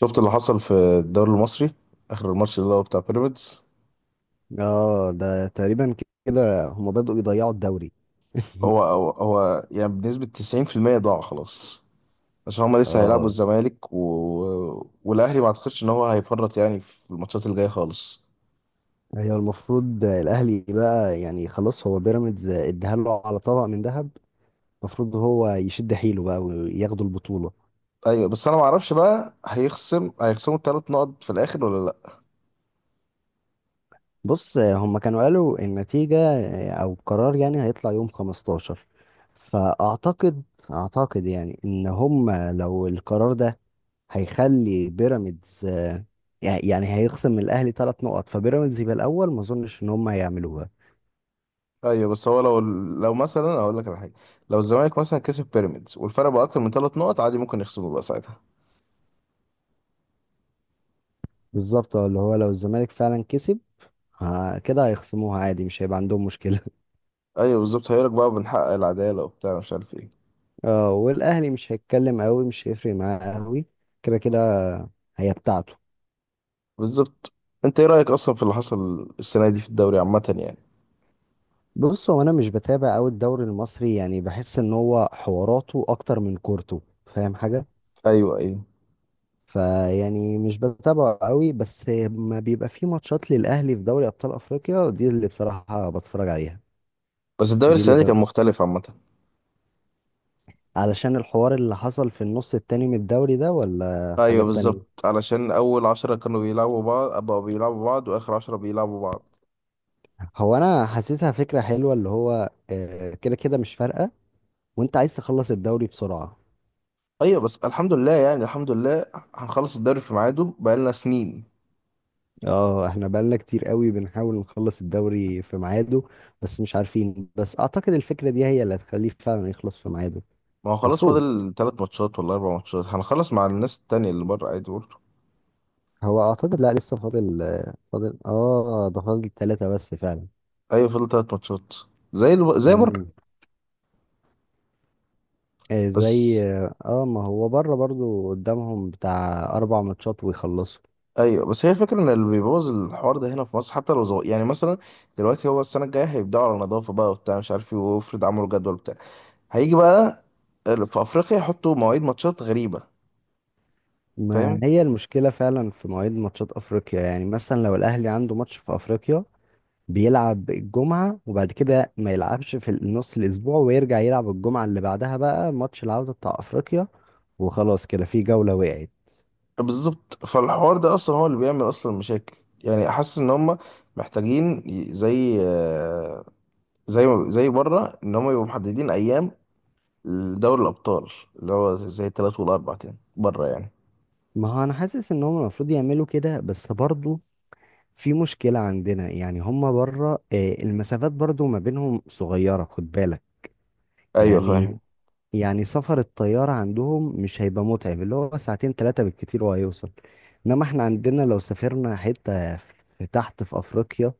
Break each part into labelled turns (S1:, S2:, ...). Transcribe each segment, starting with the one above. S1: شفت اللي حصل في الدوري المصري، اخر الماتش اللي هو بتاع بيراميدز.
S2: اه ده تقريبا كده هما بدأوا يضيعوا الدوري.
S1: هو هو هو يعني بنسبة 90% ضاع خلاص، عشان هما لسه هيلعبوا
S2: اه
S1: الزمالك والاهلي ما اعتقدش ان هو هيفرط يعني في الماتشات الجاية خالص.
S2: هي المفروض الاهلي بقى، يعني خلاص هو بيراميدز اداها له على طبق من ذهب. المفروض هو يشد حيله بقى وياخدوا البطولة.
S1: ايوه بس انا ما اعرفش بقى هيخصموا الثلاث نقط في الاخر ولا لا.
S2: بص هم كانوا قالوا النتيجة او القرار يعني هيطلع يوم 15. فاعتقد، يعني ان هم لو القرار ده هيخلي بيراميدز، يعني هيخصم من الاهلي 3 نقط فبيراميدز يبقى الاول. ما اظنش ان هم هيعملوها.
S1: ايوه بس هو لو مثلا هقول لك على حاجه، لو الزمالك مثلا كسب بيراميدز والفرق بقى اكتر من ثلاث نقط عادي ممكن يخصموا بقى ساعتها.
S2: بالظبط، اه اللي هو لو الزمالك فعلا كسب، كده هيخصموها عادي مش هيبقى عندهم مشكلة.
S1: ايوه بالظبط، هيقول لك بقى بنحقق العداله وبتاع مش عارف ايه.
S2: اه والاهلي مش هيتكلم قوي، مش هيفرق معاه قوي. كده كده هي بتاعته.
S1: بالظبط. انت ايه رأيك اصلا في اللي حصل السنة دي في الدوري عامة يعني؟
S2: بص هو انا مش بتابع قوي الدوري المصري، يعني بحس ان هو حواراته اكتر من كورته، فاهم حاجة.
S1: ايوه ايوه،
S2: فيعني مش بتابعه قوي، بس ما بيبقى فيه ماتشات للاهلي في دوري ابطال افريقيا دي اللي بصراحة بتفرج عليها.
S1: بس الدوري
S2: دي اللي
S1: السنة دي
S2: ب...
S1: كان مختلف عامة.
S2: علشان الحوار اللي حصل في النص التاني من الدوري ده، ولا
S1: ايوه
S2: حاجات تانية.
S1: بالظبط، علشان اول عشرة كانوا بيلعبوا بعض، بقوا بيلعبوا بعض، واخر عشرة بيلعبوا بعض.
S2: هو انا حاسسها فكره حلوه، اللي هو كده كده مش فارقه، وانت عايز تخلص الدوري بسرعه.
S1: ايوه بس الحمد لله يعني الحمد لله، هنخلص الدوري في ميعاده بقالنا سنين.
S2: اه احنا بقالنا كتير قوي بنحاول نخلص الدوري في ميعاده، بس مش عارفين. بس اعتقد الفكره دي هي اللي هتخليه فعلا يخلص في ميعاده.
S1: ما هو خلاص
S2: المفروض،
S1: فاضل تلات ماتشات ولا اربع ماتشات، هنخلص مع الناس التانية اللي بره عادي برضه.
S2: هو اعتقد لا لسه فاضل آه، فاضل اه ده فاضل 3 بس فعلا.
S1: ايوه فاضل تلات ماتشات، زي زي بره.
S2: مم. آه،
S1: بس.
S2: زي. اه ما هو بره برضو قدامهم بتاع 4 ماتشات ويخلصوا.
S1: ايوه بس هي فكرة ان اللي بيبوظ الحوار ده هنا في مصر حتى لو صغير، يعني مثلا دلوقتي هو السنه الجايه هيبداوا على نظافه بقى وبتاع مش عارف ايه، وافرض عملوا جدول بتاع، هيجي بقى في افريقيا يحطوا مواعيد ماتشات غريبه.
S2: ما
S1: فاهم؟
S2: هي المشكلة فعلا في مواعيد ماتشات أفريقيا. يعني مثلا لو الأهلي عنده ماتش في أفريقيا، بيلعب الجمعة وبعد كده ما يلعبش في نص الأسبوع، ويرجع يلعب الجمعة اللي بعدها بقى ماتش العودة بتاع أفريقيا، وخلاص كده في جولة وقعت.
S1: بالظبط، فالحوار ده اصلا هو اللي بيعمل اصلا مشاكل، يعني حاسس ان هم محتاجين ي- زي آه، زي زي بره، ان هم يبقوا محددين ايام لدوري الابطال، اللي هو زي الثلاث والاربع كده بره يعني.
S2: ما هو أنا حاسس إن هم المفروض يعملوا كده، بس برضو في مشكلة عندنا. يعني هم بره، المسافات برضو ما بينهم صغيرة، خد بالك.
S1: ايوه
S2: يعني
S1: فاهم.
S2: يعني سفر الطيارة عندهم مش هيبقى متعب، اللي هو ساعتين تلاتة بالكتير وهيوصل. انما احنا عندنا لو سافرنا حتة في تحت في افريقيا،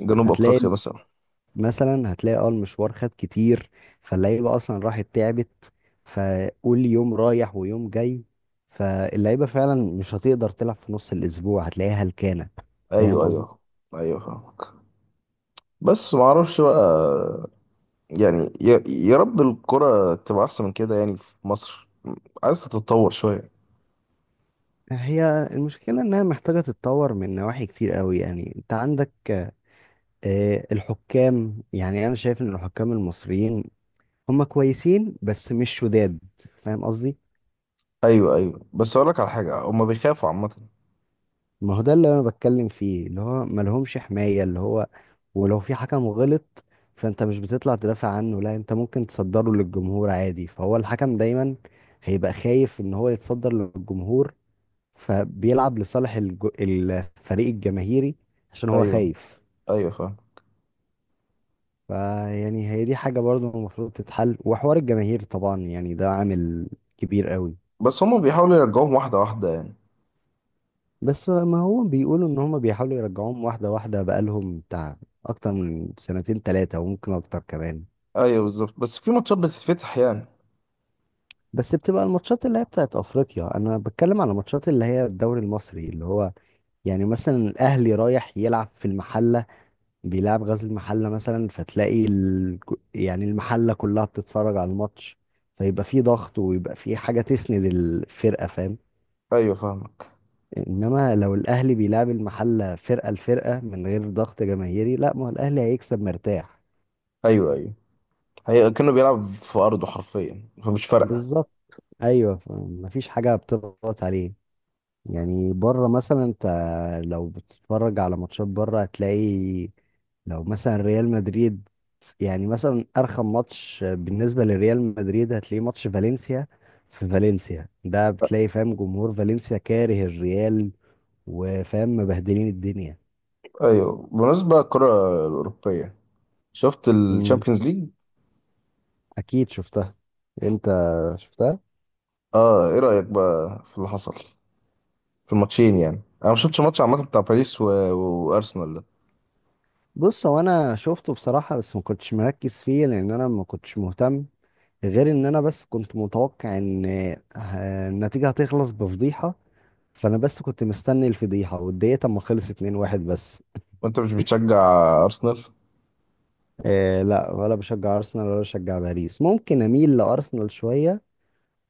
S1: جنوب
S2: هتلاقي
S1: افريقيا مثلا.
S2: هتلاقي اه المشوار خد كتير، فاللعيبة اصلا راحت تعبت. فقول يوم رايح ويوم جاي، فاللعيبة فعلا مش هتقدر تلعب في نص الاسبوع، هتلاقيها هلكانة. فاهم
S1: ايوه
S2: قصدي؟
S1: ايوه. ايوه فاهم بس ما اعرفش بقى، يعني يا رب الكرة تبقى احسن من كده يعني في مصر، عايز تتطور شوية.
S2: هي المشكلة انها محتاجة تتطور من نواحي كتير قوي. يعني انت عندك الحكام. يعني انا شايف ان الحكام المصريين هم كويسين بس مش شداد، فاهم قصدي.
S1: ايوه ايوه، بس اقول لك على حاجة، هما بيخافوا عامة.
S2: ما هو ده اللي انا بتكلم فيه، اللي هو ما لهمش حماية. اللي هو ولو في حكم غلط، فانت مش بتطلع تدافع عنه، لا انت ممكن تصدره للجمهور عادي. فهو الحكم دايما هيبقى خايف ان هو يتصدر للجمهور، فبيلعب لصالح الفريق الجماهيري، عشان هو
S1: ايوه
S2: خايف.
S1: ايوه فاهم.
S2: فيعني هي دي حاجة برضو المفروض تتحل، وحوار الجماهير طبعا يعني ده عامل كبير قوي.
S1: بس هما بيحاولوا يرجعوهم واحدة واحدة يعني.
S2: بس ما هو بيقولوا ان هم بيحاولوا يرجعوهم واحدة واحدة بقالهم بتاع اكتر من سنتين تلاتة وممكن اكتر كمان.
S1: ايوه بالظبط، بس في ماتشات بتتفتح يعني.
S2: بس بتبقى الماتشات اللي هي بتاعت افريقيا، انا بتكلم على الماتشات اللي هي الدوري المصري. اللي هو يعني مثلا الاهلي رايح يلعب في المحلة، بيلعب غزل المحلة مثلا، يعني المحلة كلها بتتفرج على الماتش، فيبقى في ضغط ويبقى في حاجة تسند الفرقة، فاهم.
S1: ايوه فاهمك.
S2: انما لو الاهلي بيلعب المحله فرقه لفرقه من غير ضغط جماهيري، لا ما هو الاهلي هيكسب مرتاح.
S1: ايوه ايوه، هي كأنه بيلعب في ارضه حرفيا فمش فارقة.
S2: بالظبط. ايوه، مفيش حاجه بتضغط عليه. يعني بره مثلا انت لو بتتفرج على ماتشات بره هتلاقي، لو مثلا ريال مدريد، يعني مثلا ارخم ماتش بالنسبه لريال مدريد هتلاقيه ماتش فالنسيا. في فالنسيا ده بتلاقي، فاهم، جمهور فالنسيا كاره الريال، وفاهم مبهدلين الدنيا.
S1: ايوه بالنسبة للكرة الأوروبية، شفت الشامبيونز ليج؟
S2: اكيد شفتها. انت شفتها.
S1: اه ايه رأيك بقى في اللي حصل في الماتشين يعني؟ انا ما شفتش ماتش عامه بتاع باريس وارسنال ده.
S2: بص هو انا شفته بصراحه، بس ما كنتش مركز فيه لان انا ما كنتش مهتم، غير ان انا بس كنت متوقع ان النتيجه هتخلص بفضيحه. فانا بس كنت مستني الفضيحه، واتضايقت اما خلص 2-1 بس.
S1: وانت مش بتشجع ارسنال؟
S2: آه لا، ولا بشجع ارسنال ولا بشجع باريس. ممكن اميل لارسنال شويه،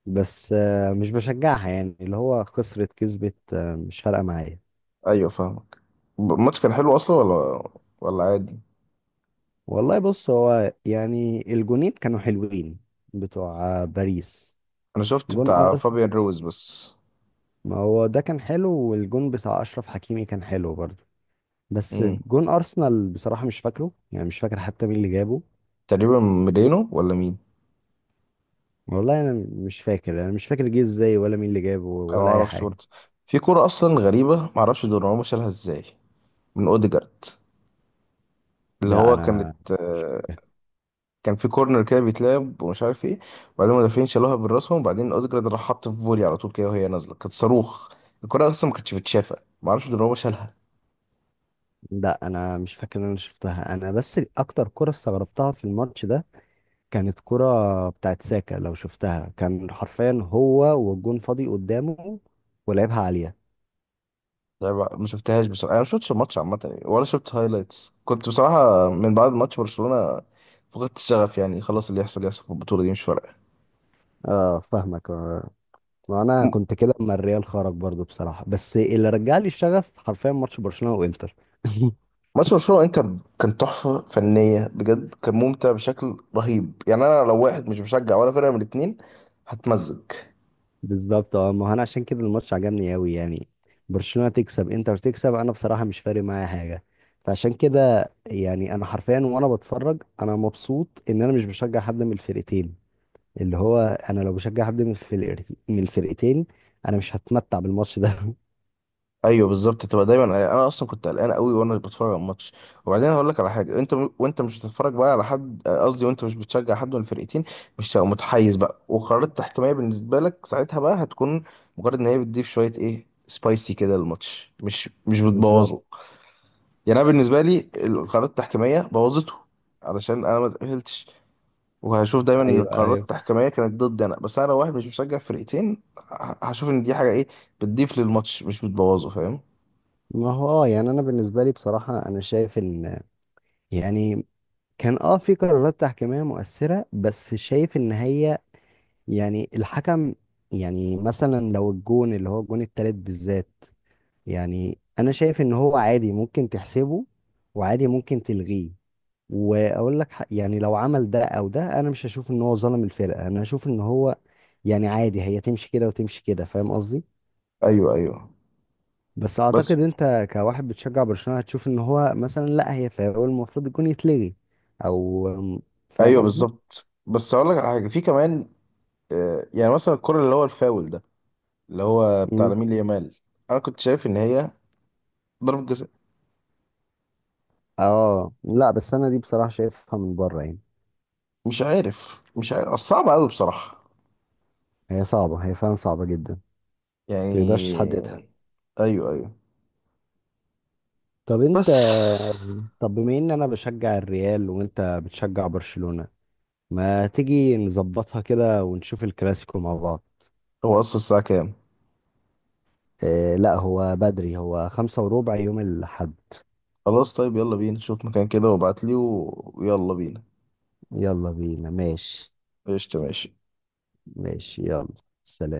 S2: بس آه مش بشجعها. يعني اللي هو خسرت كسبت آه مش فارقه معايا.
S1: ايوه فاهمك. الماتش كان حلو اصلا ولا عادي؟
S2: والله بص هو يعني الجونين كانوا حلوين، بتوع باريس.
S1: انا شفت
S2: جون
S1: بتاع
S2: ارسنال،
S1: فابيان روز بس.
S2: ما هو ده كان حلو، والجون بتاع اشرف حكيمي كان حلو برضه بس.
S1: امم
S2: جون ارسنال بصراحة مش فاكره، يعني مش فاكر حتى مين اللي جابه.
S1: تقريبا ميلينو ولا مين؟
S2: والله انا مش فاكر جه ازاي، ولا مين اللي جابه،
S1: انا ما
S2: ولا اي
S1: اعرفش
S2: حاجة.
S1: برضه. في كوره اصلا غريبه، ما اعرفش دوناروما شالها ازاي من اوديجارد، اللي
S2: ده
S1: هو
S2: انا،
S1: كان في كورنر كده بيتلعب ومش عارف ايه، وبعدين المدافعين شالوها من راسهم، وبعدين اوديجارد راح حط في فولي على طول كده وهي نازله كانت صاروخ. الكره اصلا ما كانتش بتشافى، ما اعرفش ان هو شالها.
S2: لا انا مش فاكر ان انا شفتها. انا بس اكتر كرة استغربتها في الماتش ده، كانت كرة بتاعت ساكا. لو شفتها، كان حرفيا هو والجون فاضي قدامه، ولعبها عالية.
S1: لعبة ما شفتهاش بصراحه، انا ما شفتش الماتش عامه يعني، ولا شفت هايلايتس، كنت بصراحه من بعد ماتش برشلونه فقدت الشغف يعني، خلاص اللي يحصل يحصل في البطوله دي مش فارقه.
S2: اه فاهمك. آه. وانا
S1: م-
S2: كنت كده اما الريال خرج برضو بصراحة، بس اللي رجع لي الشغف حرفيا ماتش برشلونة وانتر.
S1: ماتش برشلونه انتر كان تحفه فنيه بجد، كان ممتع بشكل رهيب يعني، انا لو واحد مش مشجع ولا فرقه من الاتنين هتمزج.
S2: بالظبط، اه ما هو انا عشان كده الماتش عجبني قوي. يعني برشلونة تكسب انتر تكسب، انا بصراحة مش فارق معايا حاجة. فعشان كده يعني انا حرفيا وانا بتفرج انا مبسوط ان انا مش بشجع حد من الفرقتين. اللي هو انا لو بشجع حد من، في الفرق من الفرقتين، انا مش هتمتع بالماتش ده.
S1: ايوه بالظبط، تبقى دايما يعني انا اصلا كنت قلقان قوي وانا بتفرج على الماتش، وبعدين هقول لك على حاجه، انت وانت مش بتتفرج بقى على حد، قصدي وانت مش بتشجع حد من الفرقتين، مش هتبقى متحيز بقى، وقرارات تحكيميه بالنسبه لك ساعتها بقى هتكون مجرد ان هي بتضيف شويه ايه سبايسي كده للماتش، مش
S2: بالظبط.
S1: بتبوظه. يعني انا بالنسبه لي القرارات التحكيميه بوظته، علشان انا ما تاهلتش، وهشوف دايما ان
S2: ايوه
S1: القرارات
S2: ايوه.
S1: التحكيميه كانت ضدي انا، بس انا لو واحد مش مشجع فرقتين هشوف ان دي حاجه ايه بتضيف للماتش مش بتبوظه. فاهم؟
S2: ما هو اه يعني انا بالنسبه لي بصراحه انا شايف ان، يعني كان اه في قرارات تحكيميه مؤثره، بس شايف ان هي يعني الحكم، يعني مثلا لو الجون اللي هو الجون التالت بالذات، يعني انا شايف ان هو عادي ممكن تحسبه، وعادي ممكن تلغيه. واقول لك، يعني لو عمل ده او ده، انا مش هشوف ان هو ظلم الفرقه. انا هشوف ان هو يعني عادي، هي تمشي كده وتمشي كده، فاهم قصدي.
S1: ايوه ايوه
S2: بس
S1: بس.
S2: اعتقد انت كواحد بتشجع برشلونه هتشوف ان هو مثلا لا، هي فاول المفروض يكون يتلغي، او فاهم
S1: ايوه
S2: قصدي.
S1: بالظبط، بس اقول لك على حاجه في كمان، يعني مثلا الكره اللي هو الفاول ده اللي هو بتاع
S2: مم.
S1: لامين يامال، انا كنت شايف ان هي ضربه جزاء.
S2: اه لا، بس انا دي بصراحه شايفها من بره يعني.
S1: مش عارف مش عارف أصل صعب قوي بصراحه
S2: هي صعبه، هي فعلا صعبه جدا، متقدرش
S1: يعني.
S2: تحددها.
S1: ايوه ايوه
S2: طب انت
S1: بس.
S2: طب بما ان انا بشجع الريال وانت بتشجع برشلونه، ما تيجي نظبطها كده ونشوف الكلاسيكو مع بعض.
S1: هو اصلا الساعه كام؟
S2: إيه لا، هو بدري، هو 5:15 يوم الأحد.
S1: خلاص طيب، يلا بينا، شوف مكان كده وابعت لي ويلا بينا.
S2: يلا بينا ماشي.
S1: قشطة ماشي.
S2: ماشي يلا. سلام.